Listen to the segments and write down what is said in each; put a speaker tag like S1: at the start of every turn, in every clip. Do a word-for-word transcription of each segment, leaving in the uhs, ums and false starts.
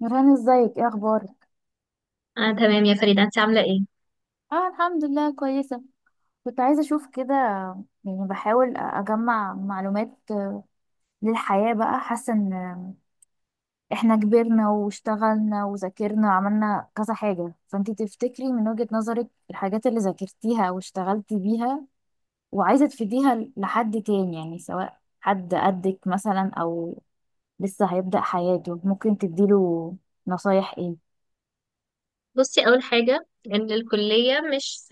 S1: نوران، ازيك؟ ايه اخبارك؟
S2: آه تمام يا فريدة، انت عاملة ايه؟
S1: اه، الحمد لله، كويسه. كنت عايزه اشوف كده، يعني بحاول اجمع معلومات للحياه بقى. حاسه ان احنا كبرنا واشتغلنا وذاكرنا وعملنا كذا حاجه، فانتي تفتكري من وجهه نظرك الحاجات اللي ذاكرتيها واشتغلتي بيها وعايزه تفيديها لحد تاني، يعني سواء حد قدك مثلا او لسه هيبدأ حياته، ممكن تديله نصايح ايه؟
S2: بصي، اول حاجة ان الكلية مش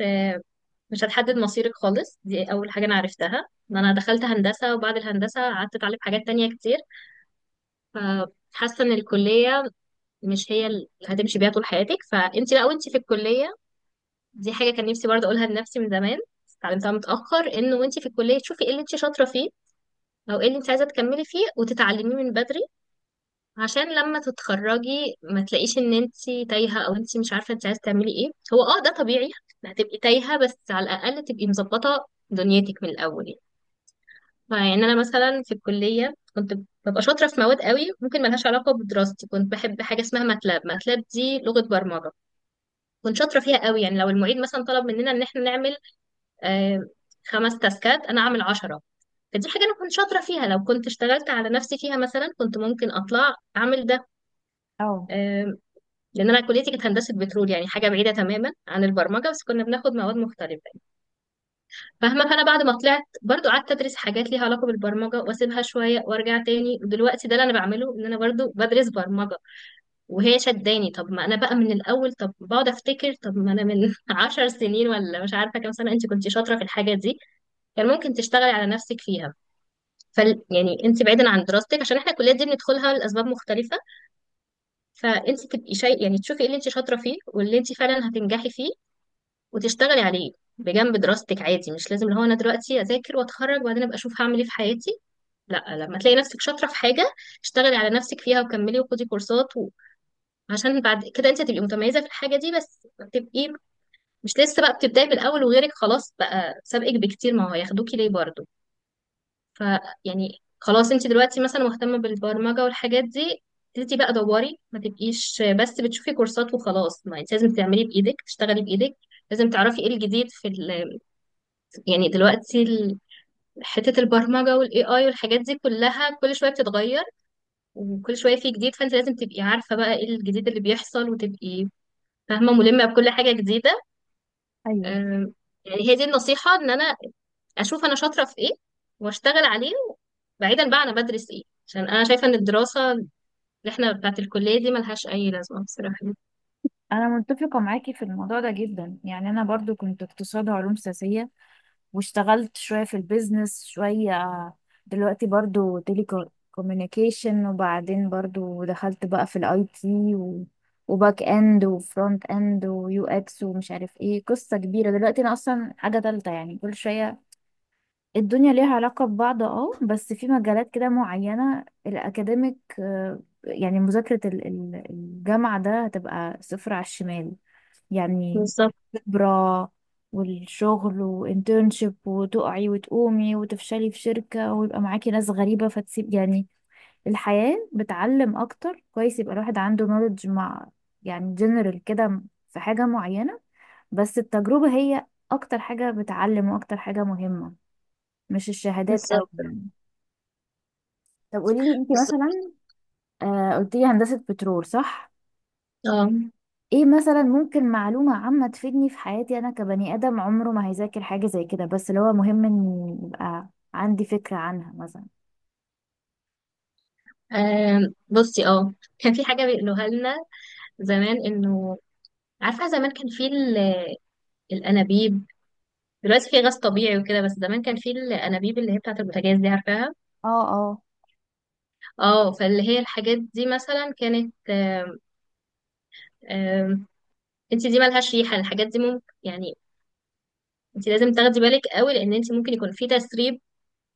S2: مش هتحدد مصيرك خالص. دي اول حاجة انا عرفتها، ان انا دخلت هندسة وبعد الهندسة قعدت اتعلم حاجات تانية كتير. فحاسة ان الكلية مش هي اللي هتمشي بيها طول حياتك، فانت بقى وانت في الكلية. دي حاجة كان نفسي برضه اقولها لنفسي من زمان، بس اتعلمتها متأخر، انه وانت في الكلية تشوفي ايه اللي انت شاطرة فيه، او ايه اللي انت عايزة تكملي فيه وتتعلميه من بدري، عشان لما تتخرجي ما تلاقيش ان انتي تايهة، او انتي مش عارفة انتي عايزة تعملي ايه. هو اه، ده طبيعي، هتبقي تايهة بس على الاقل تبقي مظبطة دنيتك من الاول يعني. فيعني انا مثلا في الكلية كنت ببقى شاطرة في مواد قوي ممكن ملهاش علاقة بدراستي، كنت بحب حاجة اسمها ماتلاب، ماتلاب دي لغة برمجة، كنت شاطرة فيها قوي. يعني لو المعيد مثلا طلب مننا ان احنا نعمل آه خمس تاسكات، انا اعمل عشرة. فدي حاجة أنا كنت شاطرة فيها، لو كنت اشتغلت على نفسي فيها مثلا كنت ممكن أطلع أعمل ده
S1: اه،
S2: آه، لان انا كليتي كانت هندسه بترول، يعني حاجه بعيده تماما عن البرمجه، بس كنا بناخد مواد مختلفه يعني. فاهمه، فانا بعد ما طلعت برضو قعدت ادرس حاجات ليها علاقه بالبرمجه، واسيبها شويه وارجع تاني، ودلوقتي ده اللي انا بعمله، ان انا برضو بدرس برمجه. وهي شداني، طب ما انا بقى من الاول، طب بقعد افتكر، طب ما انا من 10 سنين ولا مش عارفه كام سنه انت كنت شاطره في الحاجه دي، كان ممكن تشتغلي على نفسك فيها. فال يعني انت بعيدا عن دراستك، عشان احنا الكليات دي بندخلها لاسباب مختلفه، فانت تبقي شيء، يعني تشوفي ايه اللي انت شاطره فيه واللي انت فعلا هتنجحي فيه، وتشتغلي عليه بجنب دراستك عادي. مش لازم اللي هو انا دلوقتي اذاكر واتخرج وبعدين ابقى اشوف هعمل ايه في حياتي، لا، لما تلاقي نفسك شاطره في حاجه اشتغلي على نفسك فيها وكملي وخدي كورسات و... عشان بعد كده انت هتبقي متميزه في الحاجه دي بس. تبقي مش لسه بقى بتبداي من الاول وغيرك خلاص بقى سابقك بكتير، ما هو هياخدوكي ليه برضه؟ ف يعني خلاص، انت دلوقتي مثلا مهتمه بالبرمجه والحاجات دي، ابتدي بقى دوري، ما تبقيش بس بتشوفي كورسات وخلاص، ما انت لازم تعملي بايدك، تشتغلي بايدك، لازم تعرفي ايه الجديد في. يعني دلوقتي ال- حتة البرمجة والاي اي والحاجات دي كلها كل شوية بتتغير، وكل شوية في جديد، فانت لازم تبقي عارفة بقى ايه الجديد اللي بيحصل، وتبقي فاهمة ملمة بكل حاجة جديدة.
S1: ايوه،
S2: أم، يعني هي دي النصيحة، ان انا اشوف انا شاطرة في ايه واشتغل عليه، بعيدا بقى انا بدرس ايه، عشان انا شايفة ان الدراسة اللي احنا بتاعت الكلية دي ملهاش اي لازمة بصراحة.
S1: انا متفقه معاكي في الموضوع ده جدا. يعني انا برضو كنت اقتصاد وعلوم سياسيه واشتغلت شويه في البيزنس، شويه دلوقتي برضو تيلي كوميونيكيشن، وبعدين برضو دخلت بقى في الاي تي وباك اند وفرونت اند ويو اكس ومش عارف ايه، قصه كبيره. دلوقتي انا اصلا حاجه تالته. يعني كل شويه الدنيا ليها علاقه ببعض، اه، بس في مجالات كده معينه الاكاديميك، آه، يعني مذاكره ال- ال- الجامعه ده هتبقى صفر على الشمال يعني.
S2: بالظبط.
S1: خبرة والشغل وانترنشيب، وتقعي وتقومي وتفشلي في شركة ويبقى معاكي ناس غريبة فتسيب يعني. الحياة بتعلم أكتر، كويس يبقى الواحد عنده نولج مع، يعني جنرال كده، في حاجة معينة. بس التجربة هي أكتر حاجة بتعلم وأكتر حاجة مهمة، مش الشهادات أوي
S2: بالظبط.
S1: يعني. طب قوليلي انتي
S2: بالظبط.
S1: مثلا، آه، قلتيلي هندسة بترول صح؟
S2: اه.
S1: ايه مثلا ممكن معلومة عامة تفيدني في حياتي انا كبني ادم عمره ما هيذاكر حاجة زي كده، بس اللي هو مهم ان يبقى عندي فكرة عنها مثلا.
S2: أم، بصي اه، كان في حاجة بيقولوها لنا زمان، انه عارفة زمان كان في ال- الأنابيب، دلوقتي في غاز طبيعي وكده بس زمان كان في الأنابيب اللي هي بتاعة البوتاجاز دي، عارفاها؟
S1: اه، اه.
S2: اه، فاللي هي الحاجات دي مثلا كانت آم، آم، انت دي ملهاش ريحة، الحاجات دي ممكن يعني انت لازم تاخدي بالك قوي، لأن انت ممكن يكون في تسريب.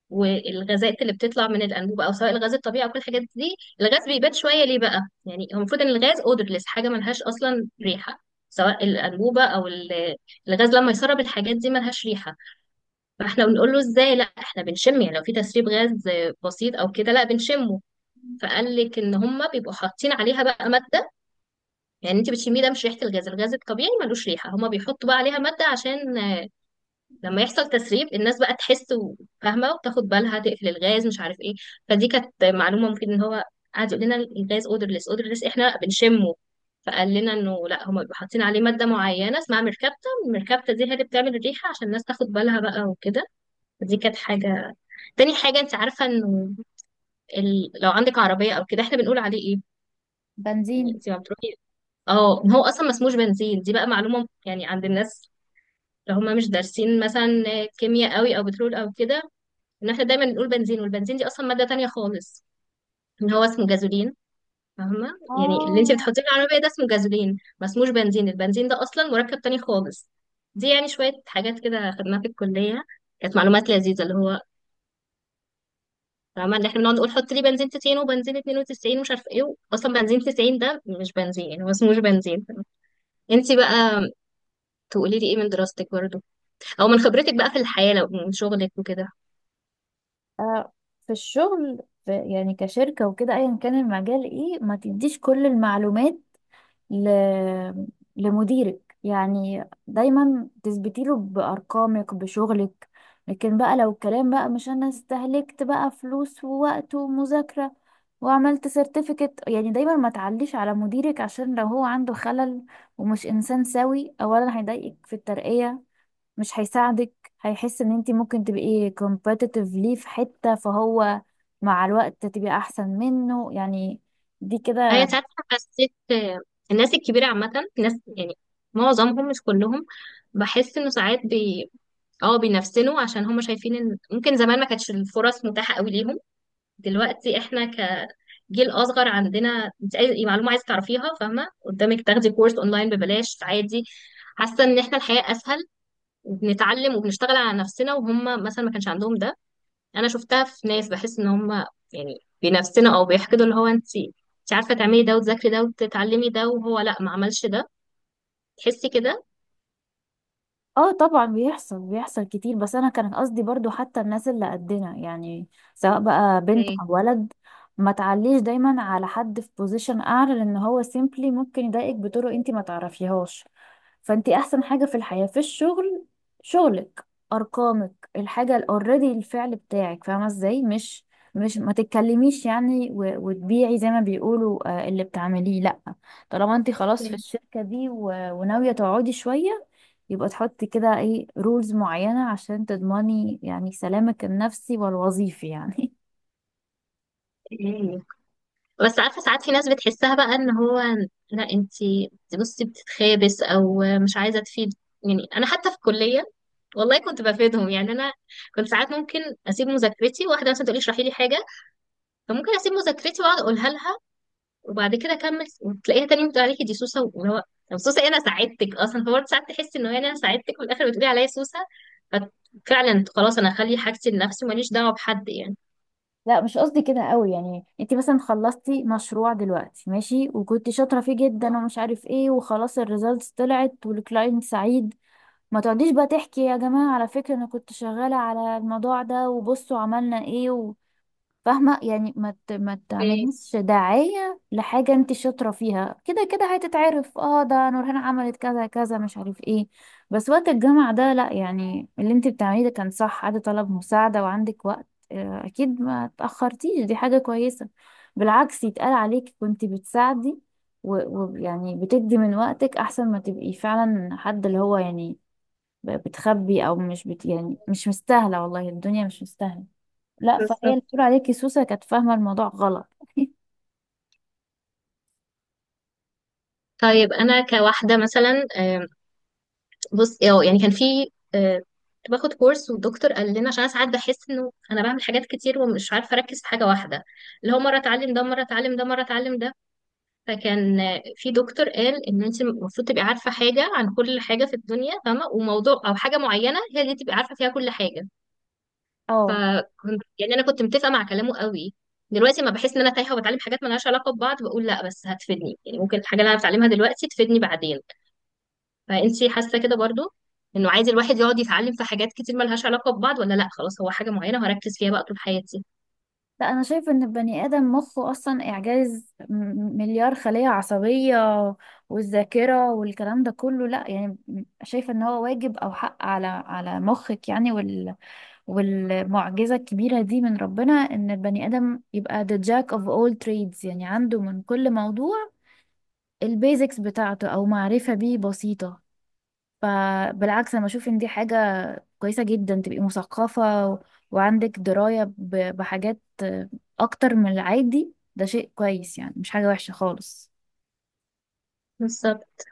S2: والغازات اللي بتطلع من الأنبوبة، أو سواء الغاز الطبيعي، أو كل الحاجات دي، الغاز بيبات شوية ليه بقى، يعني هو المفروض إن الغاز odorless، حاجة ملهاش أصلا ريحة، سواء الأنبوبة أو ال- الغاز لما يسرب الحاجات دي ملهاش ريحة. فاحنا بنقول له ازاي، لا احنا بنشم، يعني لو في تسريب غاز بسيط او كده لا بنشمه. فقال لك ان هم بيبقوا حاطين عليها بقى ماده، يعني انت بتشميه، ده مش ريحه الغاز، الغاز الطبيعي ملوش ريحه، هم بيحطوا بقى عليها ماده عشان آه، لما يحصل تسريب الناس بقى تحس وفاهمه وتاخد بالها تقفل الغاز مش عارف ايه. فدي كانت معلومه مفيد، ان هو قعد يقول لنا الغاز odorless، odorless احنا لا بنشمه، فقال لنا انه لا، هم بيبقوا حاطين عليه ماده معينه اسمها مركبته المركبته دي هي اللي بتعمل الريحه عشان الناس تاخد بالها بقى وكده. فدي كانت حاجه. تاني حاجة، انت عارفة انه ال... لو عندك عربية او كده احنا بنقول عليه ايه. يعني
S1: بنزين.
S2: انت ما بتروحي اه، ما هو اصلا ما اسموش بنزين، دي بقى معلومة يعني عند الناس لو هم مش دارسين مثلا كيمياء قوي او بترول او كده، ان احنا دايما نقول بنزين، والبنزين دي اصلا مادة تانية خالص، ان هو اسمه جازولين. فاهمة، يعني اللي انت
S1: اه.
S2: بتحطيه في العربية ده اسمه جازولين، ما اسموش بنزين، البنزين ده اصلا مركب تاني خالص. دي يعني شوية حاجات كده خدناها في الكلية، كانت معلومات لذيذة اللي هو فاهمة، اللي احنا بنقعد نقول حط لي بنزين تسعين وبنزين اتنين وتسعين ومش عارفة ايه، اصلا بنزين تسعين ده مش بنزين، يعني هو اسمه مش بنزين. انتي بقى تقولي لي ايه من دراستك برضه، او من خبرتك بقى في الحياة لو من شغلك وكده؟
S1: آه، في الشغل، في يعني كشركة وكده ايا كان المجال ايه، ما تديش كل المعلومات ل... لمديرك. يعني دايما تثبتي له بأرقامك بشغلك، لكن بقى لو الكلام بقى مش، انا استهلكت بقى فلوس ووقت ومذاكرة وعملت سيرتيفيكت، يعني دايما ما تعليش على مديرك. عشان لو هو عنده خلل ومش انسان سوي، اولا هيضايقك في الترقية، مش هيساعدك، هيحس ان انتي ممكن تبقي competitive ليه في حتة، فهو مع الوقت تبقي احسن منه يعني. دي
S2: هي
S1: كده.
S2: ساعات حسيت آه، الناس الكبيرة عامة، ناس يعني معظمهم مش كلهم، بحس انه ساعات بي اه بينفسنوا، عشان هم شايفين ان ممكن زمان ما كانتش الفرص متاحة قوي ليهم. دلوقتي احنا كجيل اصغر عندنا، انت اي معلومه عايزه تعرفيها فاهمه قدامك، تاخدي كورس اونلاين ببلاش عادي. حاسه ان احنا الحياه اسهل، وبنتعلم وبنشتغل على نفسنا، وهم مثلا ما كانش عندهم ده. انا شفتها في ناس، بحس ان هم يعني بنفسنا او بيحقدوا، اللي هو انت انت عارفه تعملي ده وتذاكري ده وتتعلمي ده، وهو لا، ما عملش ده، تحسي كده.
S1: اه طبعا، بيحصل بيحصل كتير. بس انا كان قصدي برضو حتى الناس اللي قدنا، يعني سواء بقى بنت او ولد، ما تعليش دايما على حد في بوزيشن اعلى، لان هو سيمبلي ممكن يضايقك بطرق انت ما تعرفيهاش. فانت احسن حاجة في الحياة في الشغل، شغلك، ارقامك، الحاجة اوريدي، الفعل بتاعك. فاهمة ازاي؟ مش مش ما تتكلميش يعني و- وتبيعي زي ما بيقولوا، آه، اللي بتعمليه، لا. طالما انت خلاص في الشركة دي و- وناوية تقعدي شوية، يبقى تحطي كده ايه رولز معينة عشان تضمني يعني سلامك النفسي والوظيفي يعني.
S2: اوكي. بس عارفة ساعات في ناس بتحسها بقى، ان هو لا انتي بصي بتتخابس، او مش عايزة تفيد. يعني انا حتى في الكلية والله كنت بفيدهم، يعني انا كنت ساعات ممكن اسيب مذاكرتي، واحدة مثلا تقولي اشرحي لي حاجة، فممكن اسيب مذاكرتي واقعد اقولها لها، وبعد كده اكمل، وتلاقيها تاني بتقول عليكي دي سوسة، واللي هو طب سوسة إيه، انا ساعدتك اصلا. فبرضه ساعات تحسي ان هو يعني انا ساعدتك وفي الاخر بتقولي عليا سوسة، ففعلا خلاص انا اخلي حاجتي لنفسي، ماليش دعوة بحد يعني.
S1: لا مش قصدي كده قوي. يعني انت مثلا خلصتي مشروع دلوقتي ماشي وكنت شاطره فيه جدا ومش عارف ايه، وخلاص الريزلتس طلعت والكلاينت سعيد، ما تقعديش بقى تحكي يا جماعه على فكره انا كنت شغاله على الموضوع ده وبصوا عملنا ايه. فاهمة يعني؟ ما ت- ما
S2: اوكي،
S1: تعمليش داعية لحاجة انت شاطرة فيها، كده كده هتتعرف. اه، ده نورهان عملت كذا كذا مش عارف ايه. بس وقت الجامعة ده لا، يعني اللي انت بتعمليه ده كان صح، عادي طلب مساعدة وعندك وقت، آه، اكيد ما اتأخرتيش، دي حاجة كويسة. بالعكس، يتقال عليك كنت بتساعدي و- ويعني بتدي من وقتك، احسن ما تبقي فعلا حد اللي هو يعني ب- بتخبي او مش بت يعني. مش مستاهلة، والله الدنيا مش مستاهلة. لا، فهي اللي
S2: بالظبط.
S1: بتقول عليكي سوسة كانت فاهمة الموضوع غلط.
S2: طيب انا كواحدة مثلا آه، بص اه يعني كان في آه، كنت باخد كورس والدكتور قال لنا، عشان انا ساعات بحس انه انا بعمل حاجات كتير ومش عارفه اركز في حاجه واحده، اللي هو مره اتعلم ده، مره اتعلم ده، مره اتعلم ده. فكان آه، في دكتور قال ان انت المفروض تبقي عارفه حاجه عن كل حاجه في الدنيا فاهمه، وموضوع او حاجه معينه هي اللي تبقي عارفه فيها كل حاجه.
S1: اه.
S2: فكنت، يعني انا كنت متفقه مع كلامه قوي. دلوقتي ما بحس ان انا تايهه وبتعلم حاجات مالهاش علاقه ببعض، بقول لا بس هتفيدني، يعني ممكن الحاجه اللي انا بتعلمها دلوقتي تفيدني بعدين. فانتي حاسه كده برضو، انه عايز الواحد يقعد يتعلم في حاجات كتير ملهاش علاقه ببعض، ولا لا خلاص هو حاجه معينه هركز فيها بقى طول حياتي؟
S1: لا، انا شايفه ان البني ادم مخه اصلا اعجاز، م- مليار خليه عصبيه والذاكره والكلام ده كله. لا يعني شايفه ان هو واجب او حق على على مخك يعني. وال والمعجزه الكبيره دي من ربنا ان البني ادم يبقى the jack of all trades، يعني عنده من كل موضوع البيزكس بتاعته او معرفه بيه بسيطه. فبالعكس، انا بشوف ان دي حاجة كويسة جدا، تبقي مثقفة و- وعندك دراية ب- بحاجات اكتر من العادي. ده شيء كويس يعني، مش حاجة وحشة خالص.
S2: بالظبط.